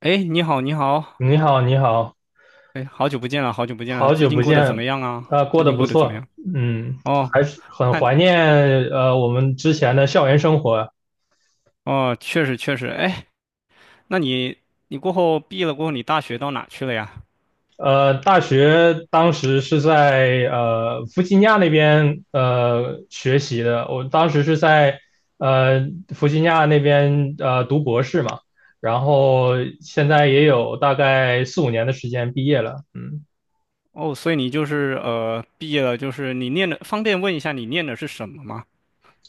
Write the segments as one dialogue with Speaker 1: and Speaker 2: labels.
Speaker 1: 哎，你好，你好，
Speaker 2: 你好，你好。
Speaker 1: 哎，好久不见了，好久不见了，
Speaker 2: 好
Speaker 1: 最
Speaker 2: 久
Speaker 1: 近
Speaker 2: 不
Speaker 1: 过得怎么
Speaker 2: 见。
Speaker 1: 样啊？最
Speaker 2: 过得
Speaker 1: 近
Speaker 2: 不
Speaker 1: 过得怎么
Speaker 2: 错。
Speaker 1: 样？
Speaker 2: 嗯，
Speaker 1: 哦，
Speaker 2: 还是很
Speaker 1: 看，
Speaker 2: 怀念我们之前的校园生活。
Speaker 1: 哦，确实确实，哎，那你你过后毕业了过后，你大学到哪去了呀？
Speaker 2: 大学当时是在弗吉尼亚那边学习的，我当时是在呃弗吉尼亚那边读博士嘛。然后现在也有大概四五年的时间毕业了，嗯。
Speaker 1: 哦，所以你就是毕业了，就是你念的，方便问一下你念的是什么吗？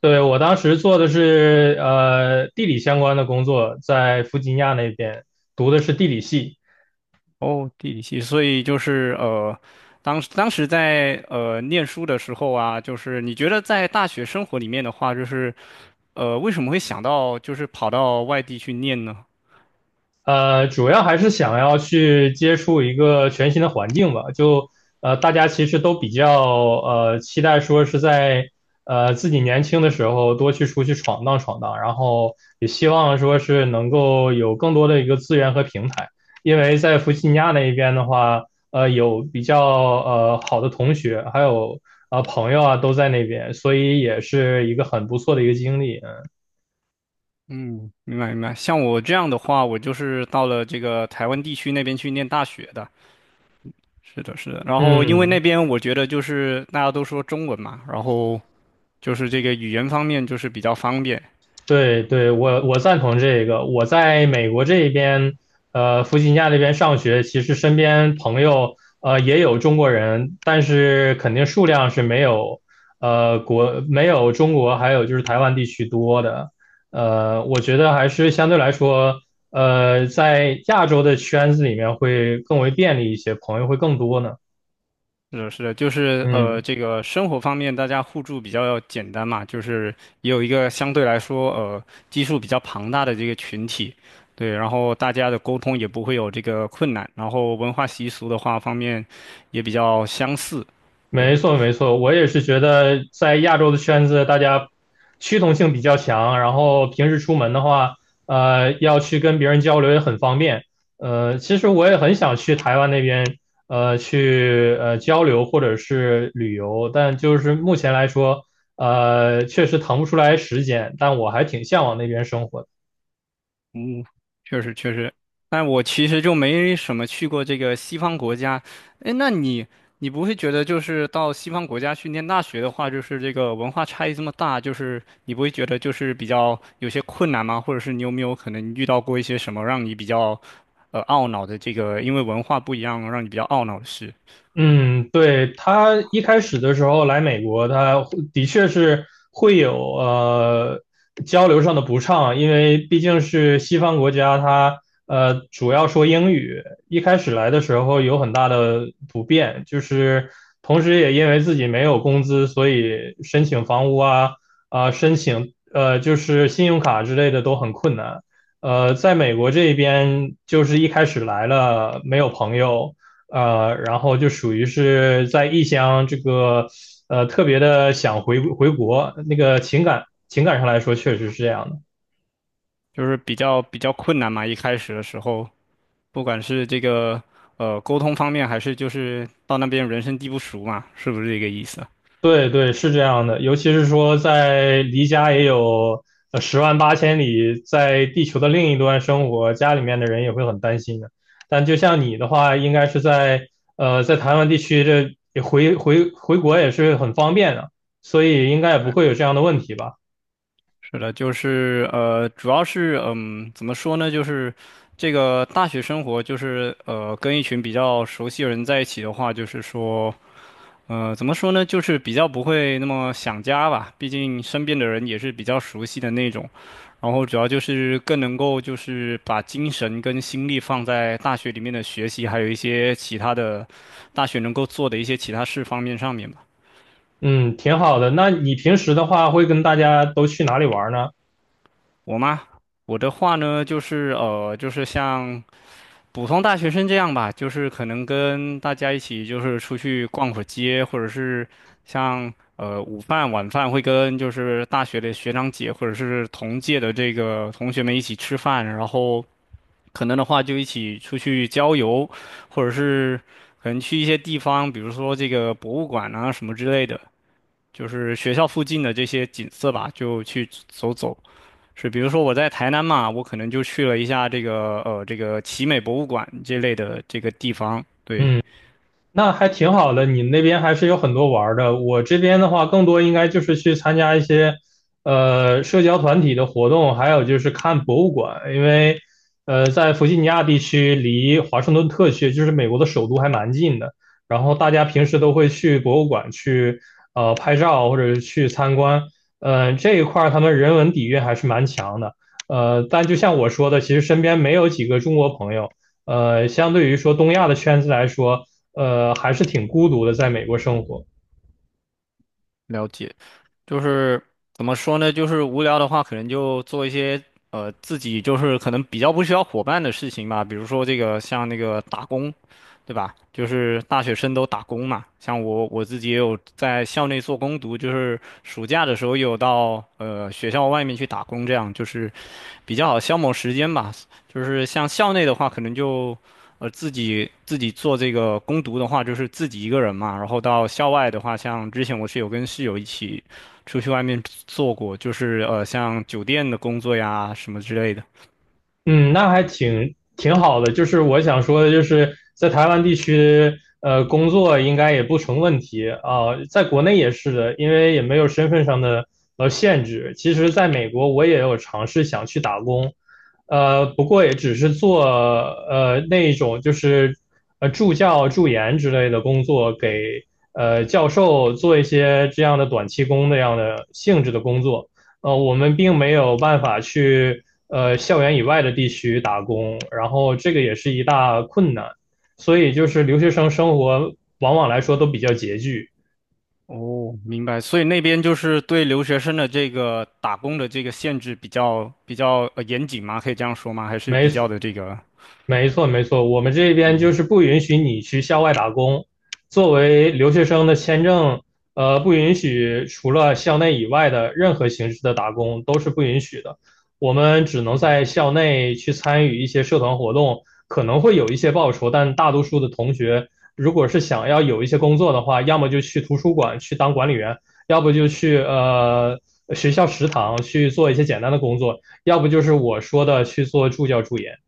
Speaker 2: 对，我当时做的是地理相关的工作，在弗吉尼亚那边读的是地理系。
Speaker 1: 哦，地理系，所以就是当时在念书的时候啊，就是你觉得在大学生活里面的话，就是为什么会想到就是跑到外地去念呢？
Speaker 2: 主要还是想要去接触一个全新的环境吧。大家其实都比较期待说是在自己年轻的时候多去出去闯荡闯荡，然后也希望说是能够有更多的一个资源和平台。因为在弗吉尼亚那一边的话，有比较好的同学，还有朋友啊，都在那边，所以也是一个很不错的一个经历。
Speaker 1: 嗯，明白明白。像我这样的话，我就是到了这个台湾地区那边去念大学的。是的，是的。然后因为
Speaker 2: 嗯，
Speaker 1: 那
Speaker 2: 嗯。
Speaker 1: 边我觉得就是大家都说中文嘛，然后就是这个语言方面就是比较方便。
Speaker 2: 对对，我赞同这个。我在美国这边，弗吉尼亚这边上学，其实身边朋友也有中国人，但是肯定数量是没有没有中国还有就是台湾地区多的。我觉得还是相对来说，在亚洲的圈子里面会更为便利一些，朋友会更多呢。
Speaker 1: 是的，是的，就是
Speaker 2: 嗯。
Speaker 1: 这个生活方面大家互助比较简单嘛，就是也有一个相对来说基数比较庞大的这个群体，对，然后大家的沟通也不会有这个困难，然后文化习俗的话方面也比较相似，
Speaker 2: 没
Speaker 1: 对。
Speaker 2: 错，没错，我也是觉得在亚洲的圈子，大家趋同性比较强，然后平时出门的话，要去跟别人交流也很方便。其实我也很想去台湾那边，去交流或者是旅游，但就是目前来说，确实腾不出来时间，但我还挺向往那边生活的。
Speaker 1: 嗯，确实确实，但我其实就没什么去过这个西方国家。哎，那你你不会觉得就是到西方国家去念大学的话，就是这个文化差异这么大，就是你不会觉得就是比较有些困难吗？或者是你有没有可能遇到过一些什么让你比较懊恼的这个，因为文化不一样让你比较懊恼的事，
Speaker 2: 嗯，对，他一开始的时候来美国，他的确是会有交流上的不畅，因为毕竟是西方国家，他主要说英语。一开始来的时候有很大的不便，就是同时也因为自己没有工资，所以申请房屋啊啊、申请就是信用卡之类的都很困难。在美国这边，就是一开始来了没有朋友。然后就属于是在异乡这个特别的想回国，那个情感上来说确实是这样的。
Speaker 1: 就是比较比较困难嘛？一开始的时候，不管是这个沟通方面，还是就是到那边人生地不熟嘛，是不是这个意思？
Speaker 2: 对对，是这样的，尤其是说在离家也有十万八千里，在地球的另一端生活，家里面的人也会很担心的。但就像你的话，应该是在在台湾地区，这也回国也是很方便的，所以应该也不会有这样的问题吧。
Speaker 1: 是的，就是主要是嗯，怎么说呢？就是这个大学生活，就是跟一群比较熟悉的人在一起的话，就是说，怎么说呢？就是比较不会那么想家吧，毕竟身边的人也是比较熟悉的那种。然后主要就是更能够就是把精神跟心力放在大学里面的学习，还有一些其他的大学能够做的一些其他事方面上面吧。
Speaker 2: 嗯，挺好的。那你平时的话，会跟大家都去哪里玩呢？
Speaker 1: 我吗？我的话呢，就是就是像普通大学生这样吧，就是可能跟大家一起就是出去逛会儿街，或者是像午饭晚饭会跟就是大学的学长姐或者是同届的这个同学们一起吃饭，然后可能的话就一起出去郊游，或者是可能去一些地方，比如说这个博物馆啊什么之类的，就是学校附近的这些景色吧，就去走走。是，比如说我在台南嘛，我可能就去了一下这个这个奇美博物馆这类的这个地方，对，
Speaker 2: 嗯。那还挺好的，你那边还是有很多玩的。我这边的话，更多应该就是去参加一些社交团体的活动，还有就是看博物馆。因为在弗吉尼亚地区，离华盛顿特区，就是美国的首都，还蛮近的。然后大家平时都会去博物馆去，拍照或者是去参观。这一块他们人文底蕴还是蛮强的。但就像我说的，其实身边没有几个中国朋友。相对于说东亚的圈子来说，还是挺孤独的，在美国生活。
Speaker 1: 了解。就是怎么说呢？就是无聊的话，可能就做一些自己就是可能比较不需要伙伴的事情吧，比如说这个像那个打工。对吧？就是大学生都打工嘛，像我自己也有在校内做攻读，就是暑假的时候也有到学校外面去打工，这样就是比较好消磨时间吧。就是像校内的话，可能就自己做这个攻读的话，就是自己一个人嘛。然后到校外的话，像之前我是有跟室友一起出去外面做过，就是像酒店的工作呀什么之类的。
Speaker 2: 嗯，那还挺好的。就是我想说的，就是在台湾地区，工作应该也不成问题啊，在国内也是的，因为也没有身份上的限制。其实，在美国我也有尝试想去打工，不过也只是做那一种就是助教、助研之类的工作，给教授做一些这样的短期工那样的性质的工作。我们并没有办法去校园以外的地区打工，然后这个也是一大困难，所以就是留学生生活往往来说都比较拮据。
Speaker 1: 哦，明白。所以那边就是对留学生的这个打工的这个限制比较比较严谨吗？可以这样说吗？还是比较
Speaker 2: 没
Speaker 1: 的这个
Speaker 2: 没错，没错，我们这边就
Speaker 1: 嗯。
Speaker 2: 是不允许你去校外打工。作为留学生的签证，不允许除了校内以外的任何形式的打工都是不允许的。我们只能在
Speaker 1: 嗯
Speaker 2: 校内去参与一些社团活动，可能会有一些报酬，但大多数的同学如果是想要有一些工作的话，要么就去图书馆去当管理员，要不就去学校食堂去做一些简单的工作，要不就是我说的去做助教助研。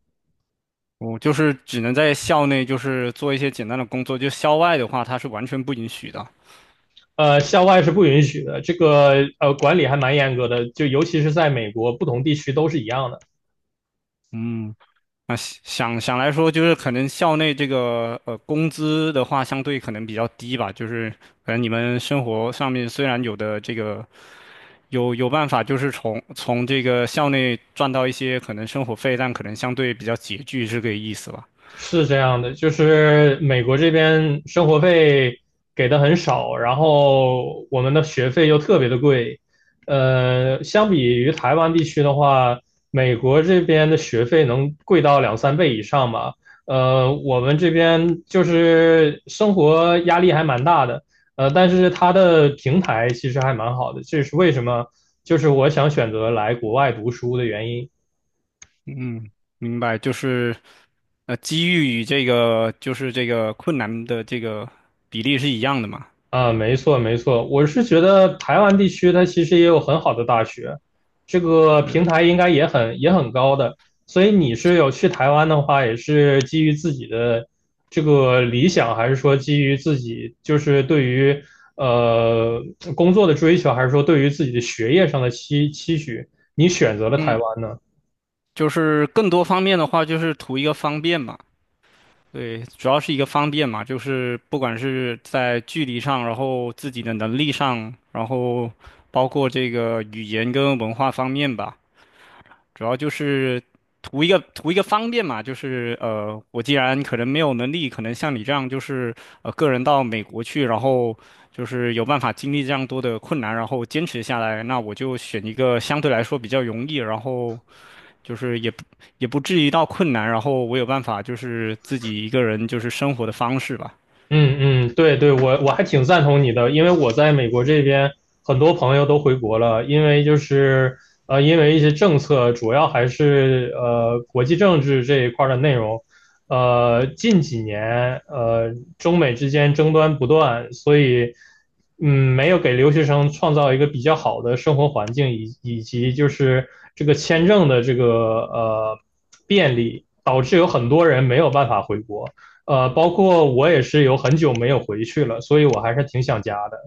Speaker 1: 我就是只能在校内，就是做一些简单的工作，就校外的话，它是完全不允许的。
Speaker 2: 校外是不允许的，这个管理还蛮严格的，就尤其是在美国，不同地区都是一样的。
Speaker 1: 嗯，那想想想来说，就是可能校内这个工资的话，相对可能比较低吧。就是可能你们生活上面虽然有的这个有办法，就是从这个校内赚到一些可能生活费，但可能相对比较拮据，是这个意思吧？
Speaker 2: 是这样的，就是美国这边生活费给的很少，然后我们的学费又特别的贵。相比于台湾地区的话，美国这边的学费能贵到两三倍以上吧。我们这边就是生活压力还蛮大的，但是它的平台其实还蛮好的，这是为什么？就是我想选择来国外读书的原因。
Speaker 1: 嗯，明白，就是机遇与这个就是这个困难的这个比例是一样的嘛？
Speaker 2: 啊，没错没错，我是觉得台湾地区它其实也有很好的大学，这个平
Speaker 1: 是，
Speaker 2: 台应该也很也很高的，所以你是有去台湾的话，也是基于自己的这个理想，还是说基于自己就是对于呃工作的追求，还是说对于自己的学业上的期许，你选择了台
Speaker 1: 嗯，
Speaker 2: 湾呢？
Speaker 1: 就是更多方面的话，就是图一个方便嘛。对，主要是一个方便嘛，就是不管是在距离上，然后自己的能力上，然后包括这个语言跟文化方面吧。主要就是图一个图一个方便嘛，就是我既然可能没有能力，可能像你这样就是个人到美国去，然后就是有办法经历这样多的困难，然后坚持下来，那我就选一个相对来说比较容易，然后就是也不也不至于到困难，然后我有办法就是自己一个人就是生活的方式吧，
Speaker 2: 嗯嗯，对对，我还挺赞同你的，因为我在美国这边很多朋友都回国了，因为就是因为一些政策，主要还是国际政治这一块儿的内容。近几年中美之间争端不断，所以嗯，没有给留学生创造一个比较好的生活环境，以及就是这个签证的这个呃便利，导致有很多人没有办法回国。包括我也是有很久没有回去了，所以我还是挺想家的。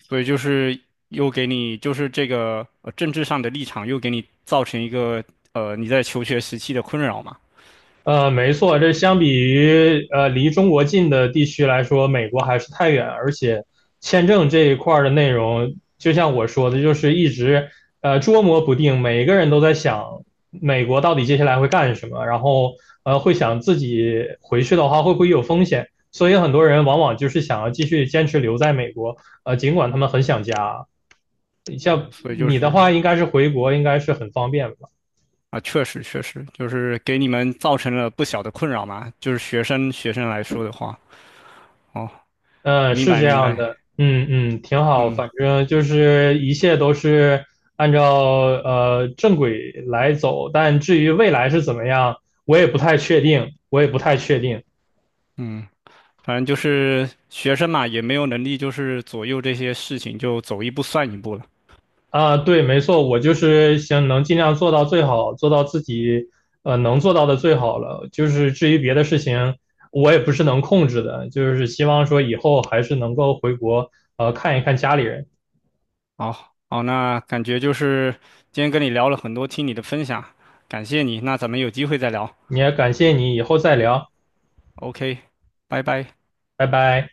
Speaker 1: 所以就是又给你就是这个政治上的立场又给你造成一个你在求学时期的困扰嘛。
Speaker 2: 没错，这相比于离中国近的地区来说，美国还是太远，而且签证这一块的内容，就像我说的，就是一直捉摸不定，每个人都在想美国到底接下来会干什么，然后会想自己回去的话会不会有风险，所以很多人往往就是想要继续坚持留在美国，尽管他们很想家。
Speaker 1: 哦，
Speaker 2: 像
Speaker 1: 所以就
Speaker 2: 你的话，
Speaker 1: 是
Speaker 2: 应该是回国，应该是很方便吧？
Speaker 1: 啊，确实确实，就是给你们造成了不小的困扰嘛，就是学生学生来说的话，哦，
Speaker 2: 嗯，
Speaker 1: 明
Speaker 2: 是
Speaker 1: 白
Speaker 2: 这
Speaker 1: 明
Speaker 2: 样
Speaker 1: 白，
Speaker 2: 的，嗯嗯，挺好，
Speaker 1: 嗯
Speaker 2: 反正就是一切都是按照正轨来走，但至于未来是怎么样，我也不太确定，我也不太确定
Speaker 1: 嗯，反正就是学生嘛，也没有能力就是左右这些事情，就走一步算一步了。
Speaker 2: 啊。对，没错，我就是想能尽量做到最好，做到自己能做到的最好了。就是至于别的事情，我也不是能控制的，就是希望说以后还是能够回国看一看家里人。
Speaker 1: 好好，那感觉就是今天跟你聊了很多，听你的分享，感谢你，那咱们有机会再聊
Speaker 2: 也感谢你，以后再聊，
Speaker 1: ，OK，拜拜。
Speaker 2: 拜拜。